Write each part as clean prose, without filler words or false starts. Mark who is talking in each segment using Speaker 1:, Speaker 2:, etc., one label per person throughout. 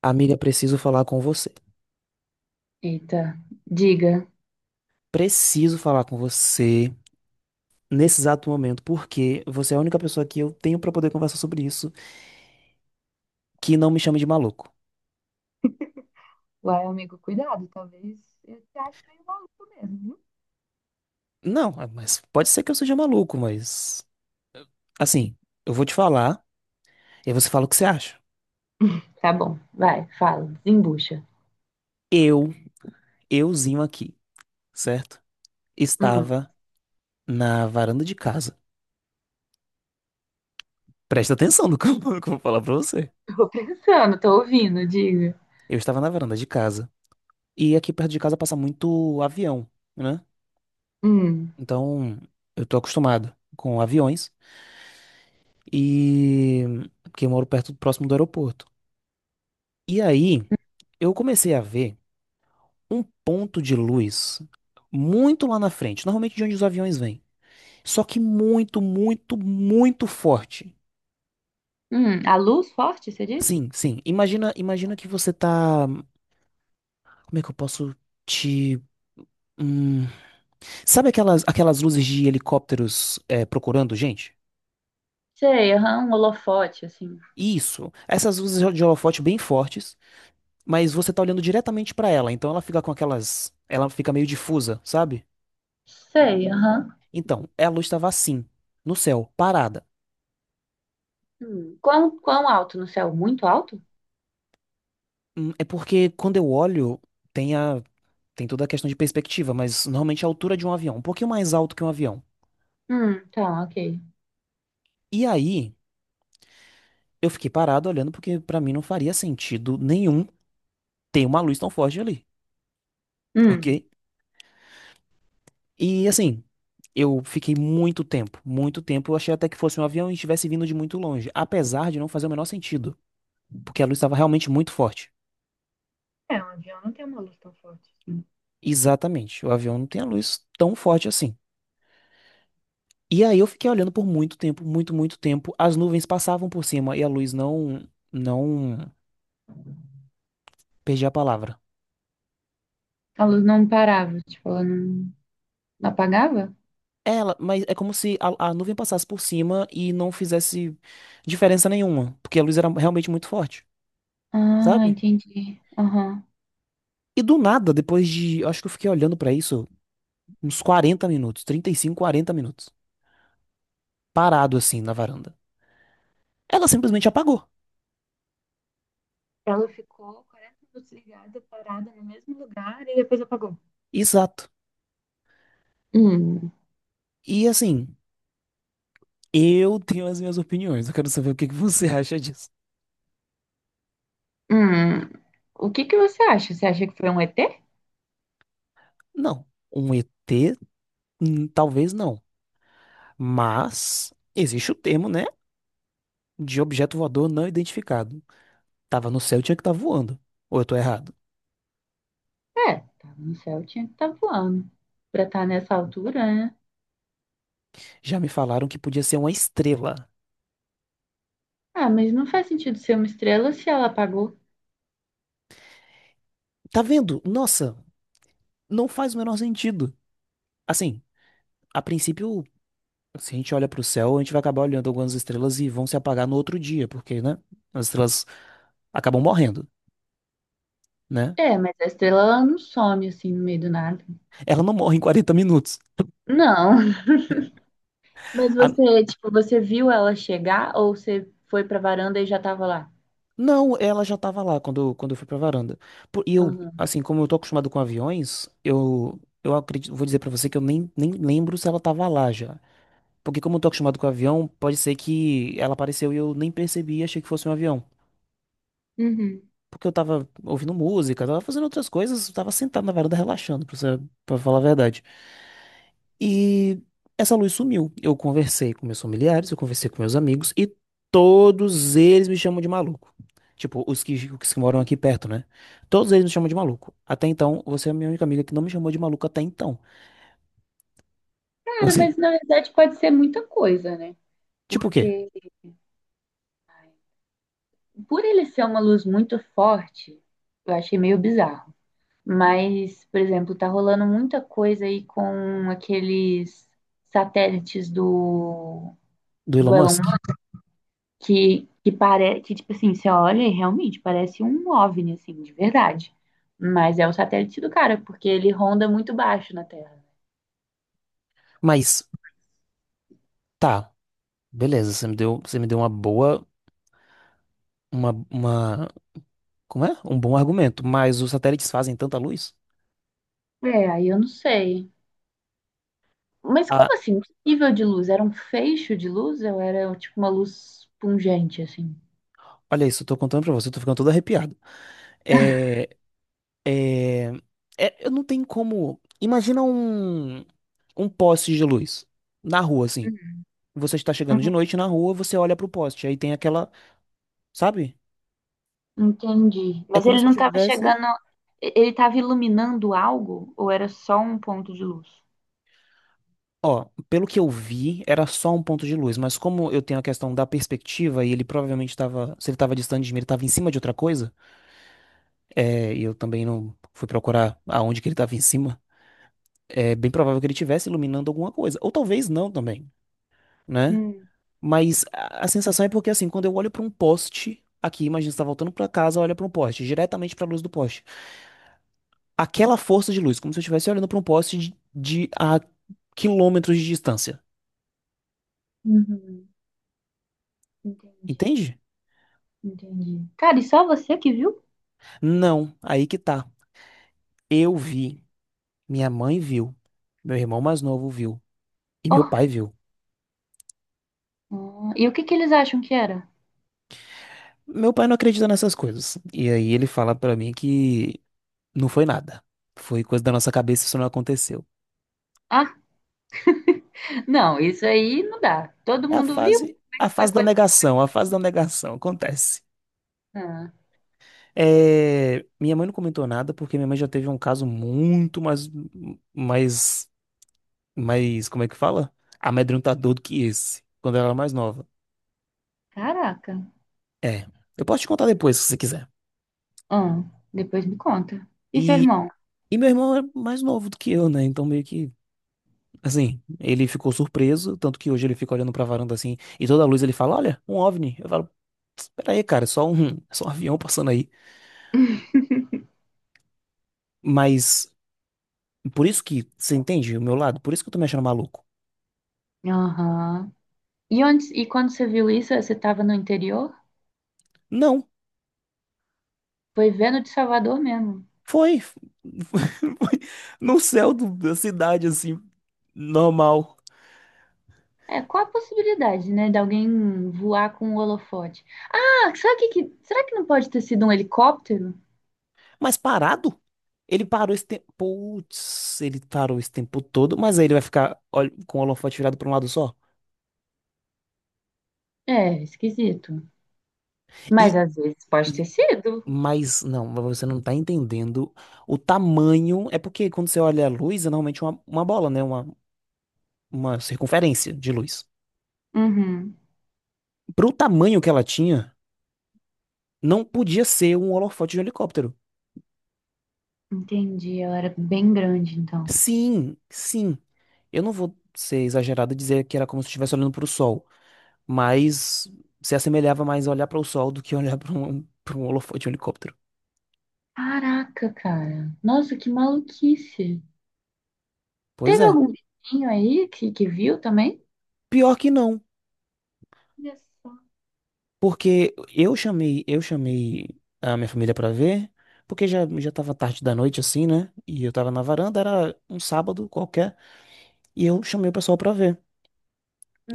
Speaker 1: Amiga, preciso falar com você.
Speaker 2: Eita, diga.
Speaker 1: Preciso falar com você nesse exato momento, porque você é a única pessoa que eu tenho pra poder conversar sobre isso que não me chame de maluco.
Speaker 2: Uai, amigo, cuidado, talvez eu te ache meio maluco mesmo.
Speaker 1: Não, ah, mas pode ser que eu seja maluco, mas assim, eu vou te falar e aí você fala o que você acha.
Speaker 2: Tá bom, vai, fala, desembucha.
Speaker 1: Eu, euzinho aqui, certo?
Speaker 2: Hum,
Speaker 1: Estava na varanda de casa. Presta atenção no que eu no que eu vou falar pra você.
Speaker 2: Tô pensando, tô ouvindo, diga.
Speaker 1: Eu estava na varanda de casa e aqui perto de casa passa muito avião, né?
Speaker 2: Hum.
Speaker 1: Então, eu tô acostumado com aviões. E Porque eu moro perto próximo do aeroporto. E aí eu comecei a ver um ponto de luz muito lá na frente, normalmente de onde os aviões vêm. Só que muito, muito, muito forte.
Speaker 2: A luz forte, você disse?
Speaker 1: Sim, sim. Imagina, imagina que você tá, como é que eu posso te, hum, sabe aquelas luzes de helicópteros é, procurando gente?
Speaker 2: Sei, aham, um holofote, assim.
Speaker 1: Isso. Essas luzes de holofote bem fortes, mas você tá olhando diretamente pra ela, então ela fica com aquelas, ela fica meio difusa, sabe?
Speaker 2: Sei, aham.
Speaker 1: Então, a luz estava assim, no céu, parada.
Speaker 2: Hum. Quão, quão alto no céu? Muito alto?
Speaker 1: É porque quando eu olho, tem a, tem toda a questão de perspectiva, mas normalmente a altura de um avião, um pouquinho mais alto que um avião.
Speaker 2: Tá, ok.
Speaker 1: E aí, eu fiquei parado olhando porque pra mim não faria sentido nenhum ter uma luz tão forte ali, ok?
Speaker 2: Hum.
Speaker 1: E assim, eu fiquei muito tempo, eu achei até que fosse um avião e estivesse vindo de muito longe, apesar de não fazer o menor sentido, porque a luz estava realmente muito forte.
Speaker 2: É, um avião não tem uma luz tão forte assim.
Speaker 1: Exatamente, o avião não tem a luz tão forte assim. E aí eu fiquei olhando por muito tempo, muito, muito tempo. As nuvens passavam por cima e a luz não, não, perdi a palavra.
Speaker 2: A luz não parava, tipo, ela não apagava?
Speaker 1: Ela, mas é como se a nuvem passasse por cima e não fizesse diferença nenhuma, porque a luz era realmente muito forte,
Speaker 2: Ah,
Speaker 1: sabe?
Speaker 2: entendi. Aham.
Speaker 1: E do nada, depois de, acho que eu fiquei olhando pra isso uns 40 minutos, 35 40 minutos, parado assim na varanda. Ela simplesmente apagou.
Speaker 2: Ela ficou 40 minutos ligada, parada no mesmo lugar e depois apagou.
Speaker 1: Exato.
Speaker 2: Hum.
Speaker 1: E assim, eu tenho as minhas opiniões, eu quero saber o que que você acha disso.
Speaker 2: Hum. O que que você acha? Você acha que foi um ET?
Speaker 1: Não, um ET, hum, talvez não. Mas existe o termo, né? De objeto voador não identificado. Tava no céu, tinha que estar voando. Ou eu tô errado?
Speaker 2: É, tava no céu, tinha que estar voando. Pra estar nessa altura, né?
Speaker 1: Já me falaram que podia ser uma estrela.
Speaker 2: Ah, mas não faz sentido ser uma estrela se ela apagou.
Speaker 1: Tá vendo? Nossa, não faz o menor sentido. Assim, a princípio, se a gente olha pro céu, a gente vai acabar olhando algumas estrelas e vão se apagar no outro dia, porque, né? As estrelas acabam morrendo, né?
Speaker 2: É, mas a estrela ela não some assim no meio do nada.
Speaker 1: Ela não morre em 40 minutos.
Speaker 2: Não. Mas
Speaker 1: A-
Speaker 2: você, tipo, você viu ela chegar ou você foi pra varanda e já tava lá?
Speaker 1: Não, ela já tava lá quando, quando eu fui pra varanda. Pô, e eu,
Speaker 2: Aham.
Speaker 1: assim, como eu tô acostumado com aviões, eu acredito, vou dizer pra você que eu nem lembro se ela tava lá já. Porque como eu tô acostumado com avião, pode ser que ela apareceu e eu nem percebi e achei que fosse um avião.
Speaker 2: Uhum.
Speaker 1: Porque eu tava ouvindo música, tava fazendo outras coisas, tava sentado na varanda relaxando, pra, pra falar a verdade. E essa luz sumiu. Eu conversei com meus familiares, eu conversei com meus amigos e todos eles me chamam de maluco. Tipo, os que moram aqui perto, né? Todos eles me chamam de maluco. Até então, você é a minha única amiga que não me chamou de maluco até então.
Speaker 2: Cara,
Speaker 1: Você,
Speaker 2: mas na verdade pode ser muita coisa, né?
Speaker 1: tipo o quê?
Speaker 2: Porque. Por ele ser uma luz muito forte, eu achei meio bizarro. Mas, por exemplo, tá rolando muita coisa aí com aqueles satélites do,
Speaker 1: Do Elon
Speaker 2: do Elon
Speaker 1: Musk?
Speaker 2: Musk que parece que, tipo assim, você olha e realmente parece um OVNI, assim, de verdade. Mas é o satélite do cara, porque ele ronda muito baixo na Terra.
Speaker 1: Mas, tá, beleza, você me deu uma boa, uma, como é? Um bom argumento, mas os satélites fazem tanta luz?
Speaker 2: É, aí eu não sei. Mas como
Speaker 1: Ah,
Speaker 2: assim? Que nível de luz? Era um feixe de luz ou era tipo uma luz pungente, assim?
Speaker 1: olha isso, eu tô contando pra você, eu tô ficando todo arrepiado. É É, eu não tenho como. Imagina um, um poste de luz na rua, assim. Você está chegando de
Speaker 2: Uhum.
Speaker 1: noite na rua, você olha pro poste, aí tem aquela, sabe?
Speaker 2: Entendi.
Speaker 1: É
Speaker 2: Mas
Speaker 1: como
Speaker 2: ele
Speaker 1: se eu
Speaker 2: não estava
Speaker 1: tivesse.
Speaker 2: chegando, e- ele estava iluminando algo ou era só um ponto de luz?
Speaker 1: Ó, pelo que eu vi, era só um ponto de luz, mas como eu tenho a questão da perspectiva e ele provavelmente estava, se ele estava distante de mim, ele estava em cima de outra coisa, é, e eu também não fui procurar aonde que ele estava em cima, é bem provável que ele estivesse iluminando alguma coisa, ou talvez não também, né?
Speaker 2: Hum.
Speaker 1: Mas a sensação é porque, assim, quando eu olho pra um poste aqui, imagina você tá voltando pra casa, olha pra um poste, diretamente pra luz do poste. Aquela força de luz, como se eu estivesse olhando pra um poste de a quilômetros de distância.
Speaker 2: Uhum. Entendi,
Speaker 1: Entende?
Speaker 2: entendi. Cara, e só você que viu?
Speaker 1: Não, aí que tá. Eu vi, minha mãe viu, meu irmão mais novo viu e
Speaker 2: Ó.
Speaker 1: meu pai viu.
Speaker 2: Ah, e o que que eles acham que era?
Speaker 1: Meu pai não acredita nessas coisas. E aí ele fala pra mim que não foi nada. Foi coisa da nossa cabeça, isso não aconteceu.
Speaker 2: Ah, não, isso aí não dá. Todo
Speaker 1: É
Speaker 2: mundo viu?
Speaker 1: a
Speaker 2: Foi
Speaker 1: fase da
Speaker 2: coisa.
Speaker 1: negação, a fase da negação acontece.
Speaker 2: Ah,
Speaker 1: É, minha mãe não comentou nada porque minha mãe já teve um caso muito mais, mais, mais, como é que fala? Amedrontador do que esse, quando ela era mais nova.
Speaker 2: caraca.
Speaker 1: É, eu posso te contar depois, se você quiser.
Speaker 2: Ah, depois me conta. E seu
Speaker 1: E,
Speaker 2: irmão?
Speaker 1: e meu irmão é mais novo do que eu, né? Então meio que, assim, ele ficou surpreso, tanto que hoje ele fica olhando pra varanda assim, e toda a luz ele fala, olha, um OVNI. Eu falo, espera aí, cara, é só um avião passando aí. Mas, por isso que, você entende o meu lado? Por isso que eu tô me achando maluco.
Speaker 2: Aham. E onde, e quando você viu isso, você estava no interior?
Speaker 1: Não.
Speaker 2: Foi vendo de Salvador mesmo.
Speaker 1: Foi, foi no céu da cidade, assim, normal.
Speaker 2: É, qual a possibilidade, né, de alguém voar com um holofote? Ah, será que- será que não pode ter sido um helicóptero?
Speaker 1: Mas parado? Ele parou esse tempo. Putz, ele parou esse tempo todo, mas aí ele vai ficar olha, com o holofote virado para um lado só.
Speaker 2: É, esquisito. Mas
Speaker 1: E,
Speaker 2: às vezes pode ter
Speaker 1: e,
Speaker 2: sido.
Speaker 1: mas não, mas você não tá entendendo o tamanho. É porque quando você olha a luz, é normalmente uma bola, né? Uma circunferência de luz.
Speaker 2: Uhum,
Speaker 1: Pro tamanho que ela tinha, não podia ser um holofote de um helicóptero.
Speaker 2: entendi. Ela era bem grande, então.
Speaker 1: Sim, sim. Eu não vou ser exagerado e dizer que era como se estivesse olhando para o sol, mas se assemelhava mais a olhar para o sol do que olhar para um holofote de um helicóptero.
Speaker 2: Caraca, cara. Nossa, que maluquice.
Speaker 1: Pois
Speaker 2: Teve
Speaker 1: é.
Speaker 2: algum vizinho aí que viu também?
Speaker 1: Pior que não,
Speaker 2: Olha só.
Speaker 1: porque eu chamei a minha família para ver, porque já já estava tarde da noite assim, né? E eu tava na varanda, era um sábado qualquer, e eu chamei o pessoal para ver.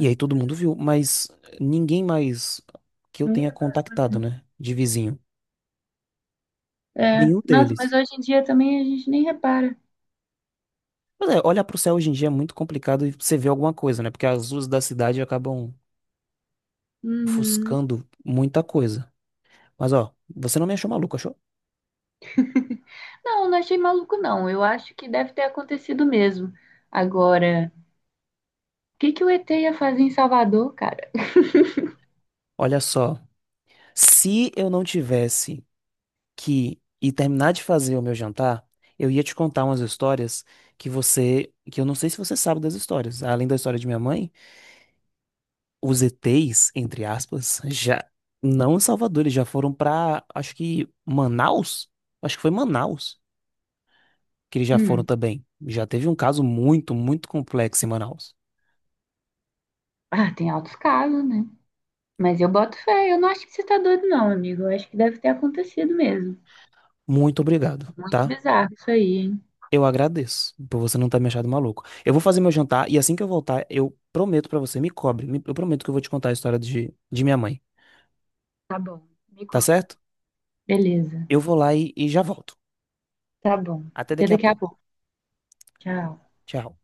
Speaker 1: E aí todo mundo viu, mas ninguém mais que eu
Speaker 2: ninguém
Speaker 1: tenha
Speaker 2: reparou.
Speaker 1: contactado, né, de vizinho.
Speaker 2: É,
Speaker 1: Nenhum
Speaker 2: nossa, mas
Speaker 1: deles.
Speaker 2: hoje em dia também a gente nem repara.
Speaker 1: Mas é, olhar pro céu hoje em dia é muito complicado e você ver alguma coisa, né? Porque as luzes da cidade acabam
Speaker 2: Uhum.
Speaker 1: ofuscando muita coisa. Mas ó, você não me achou maluco, achou?
Speaker 2: Não, não achei maluco, não. Eu acho que deve ter acontecido mesmo. Agora. Que o ET ia fazer em Salvador, cara?
Speaker 1: Olha só, se eu não tivesse que ir terminar de fazer o meu jantar, eu ia te contar umas histórias que você, que eu não sei se você sabe das histórias. Além da história de minha mãe, os ETs, entre aspas, já não em Salvador, eles já foram pra, acho que Manaus? Acho que foi Manaus. Que eles já foram
Speaker 2: Hum,
Speaker 1: também. Já teve um caso muito, muito complexo em Manaus.
Speaker 2: ah, tem altos casos, né? Mas eu boto fé, eu não acho que você tá doido, não, amigo. Eu acho que deve ter acontecido mesmo.
Speaker 1: Muito obrigado,
Speaker 2: É muito
Speaker 1: tá?
Speaker 2: bizarro isso aí, hein?
Speaker 1: Eu agradeço por você não ter me achado maluco. Eu vou fazer meu jantar e assim que eu voltar, eu prometo pra você, me cobre, eu prometo que eu vou te contar a história de minha mãe,
Speaker 2: Tá bom, me
Speaker 1: tá
Speaker 2: contem.
Speaker 1: certo?
Speaker 2: Beleza,
Speaker 1: Eu vou lá e já volto.
Speaker 2: tá bom.
Speaker 1: Até
Speaker 2: Até
Speaker 1: daqui a
Speaker 2: daqui a
Speaker 1: pouco.
Speaker 2: pouco. Tchau.
Speaker 1: Tchau.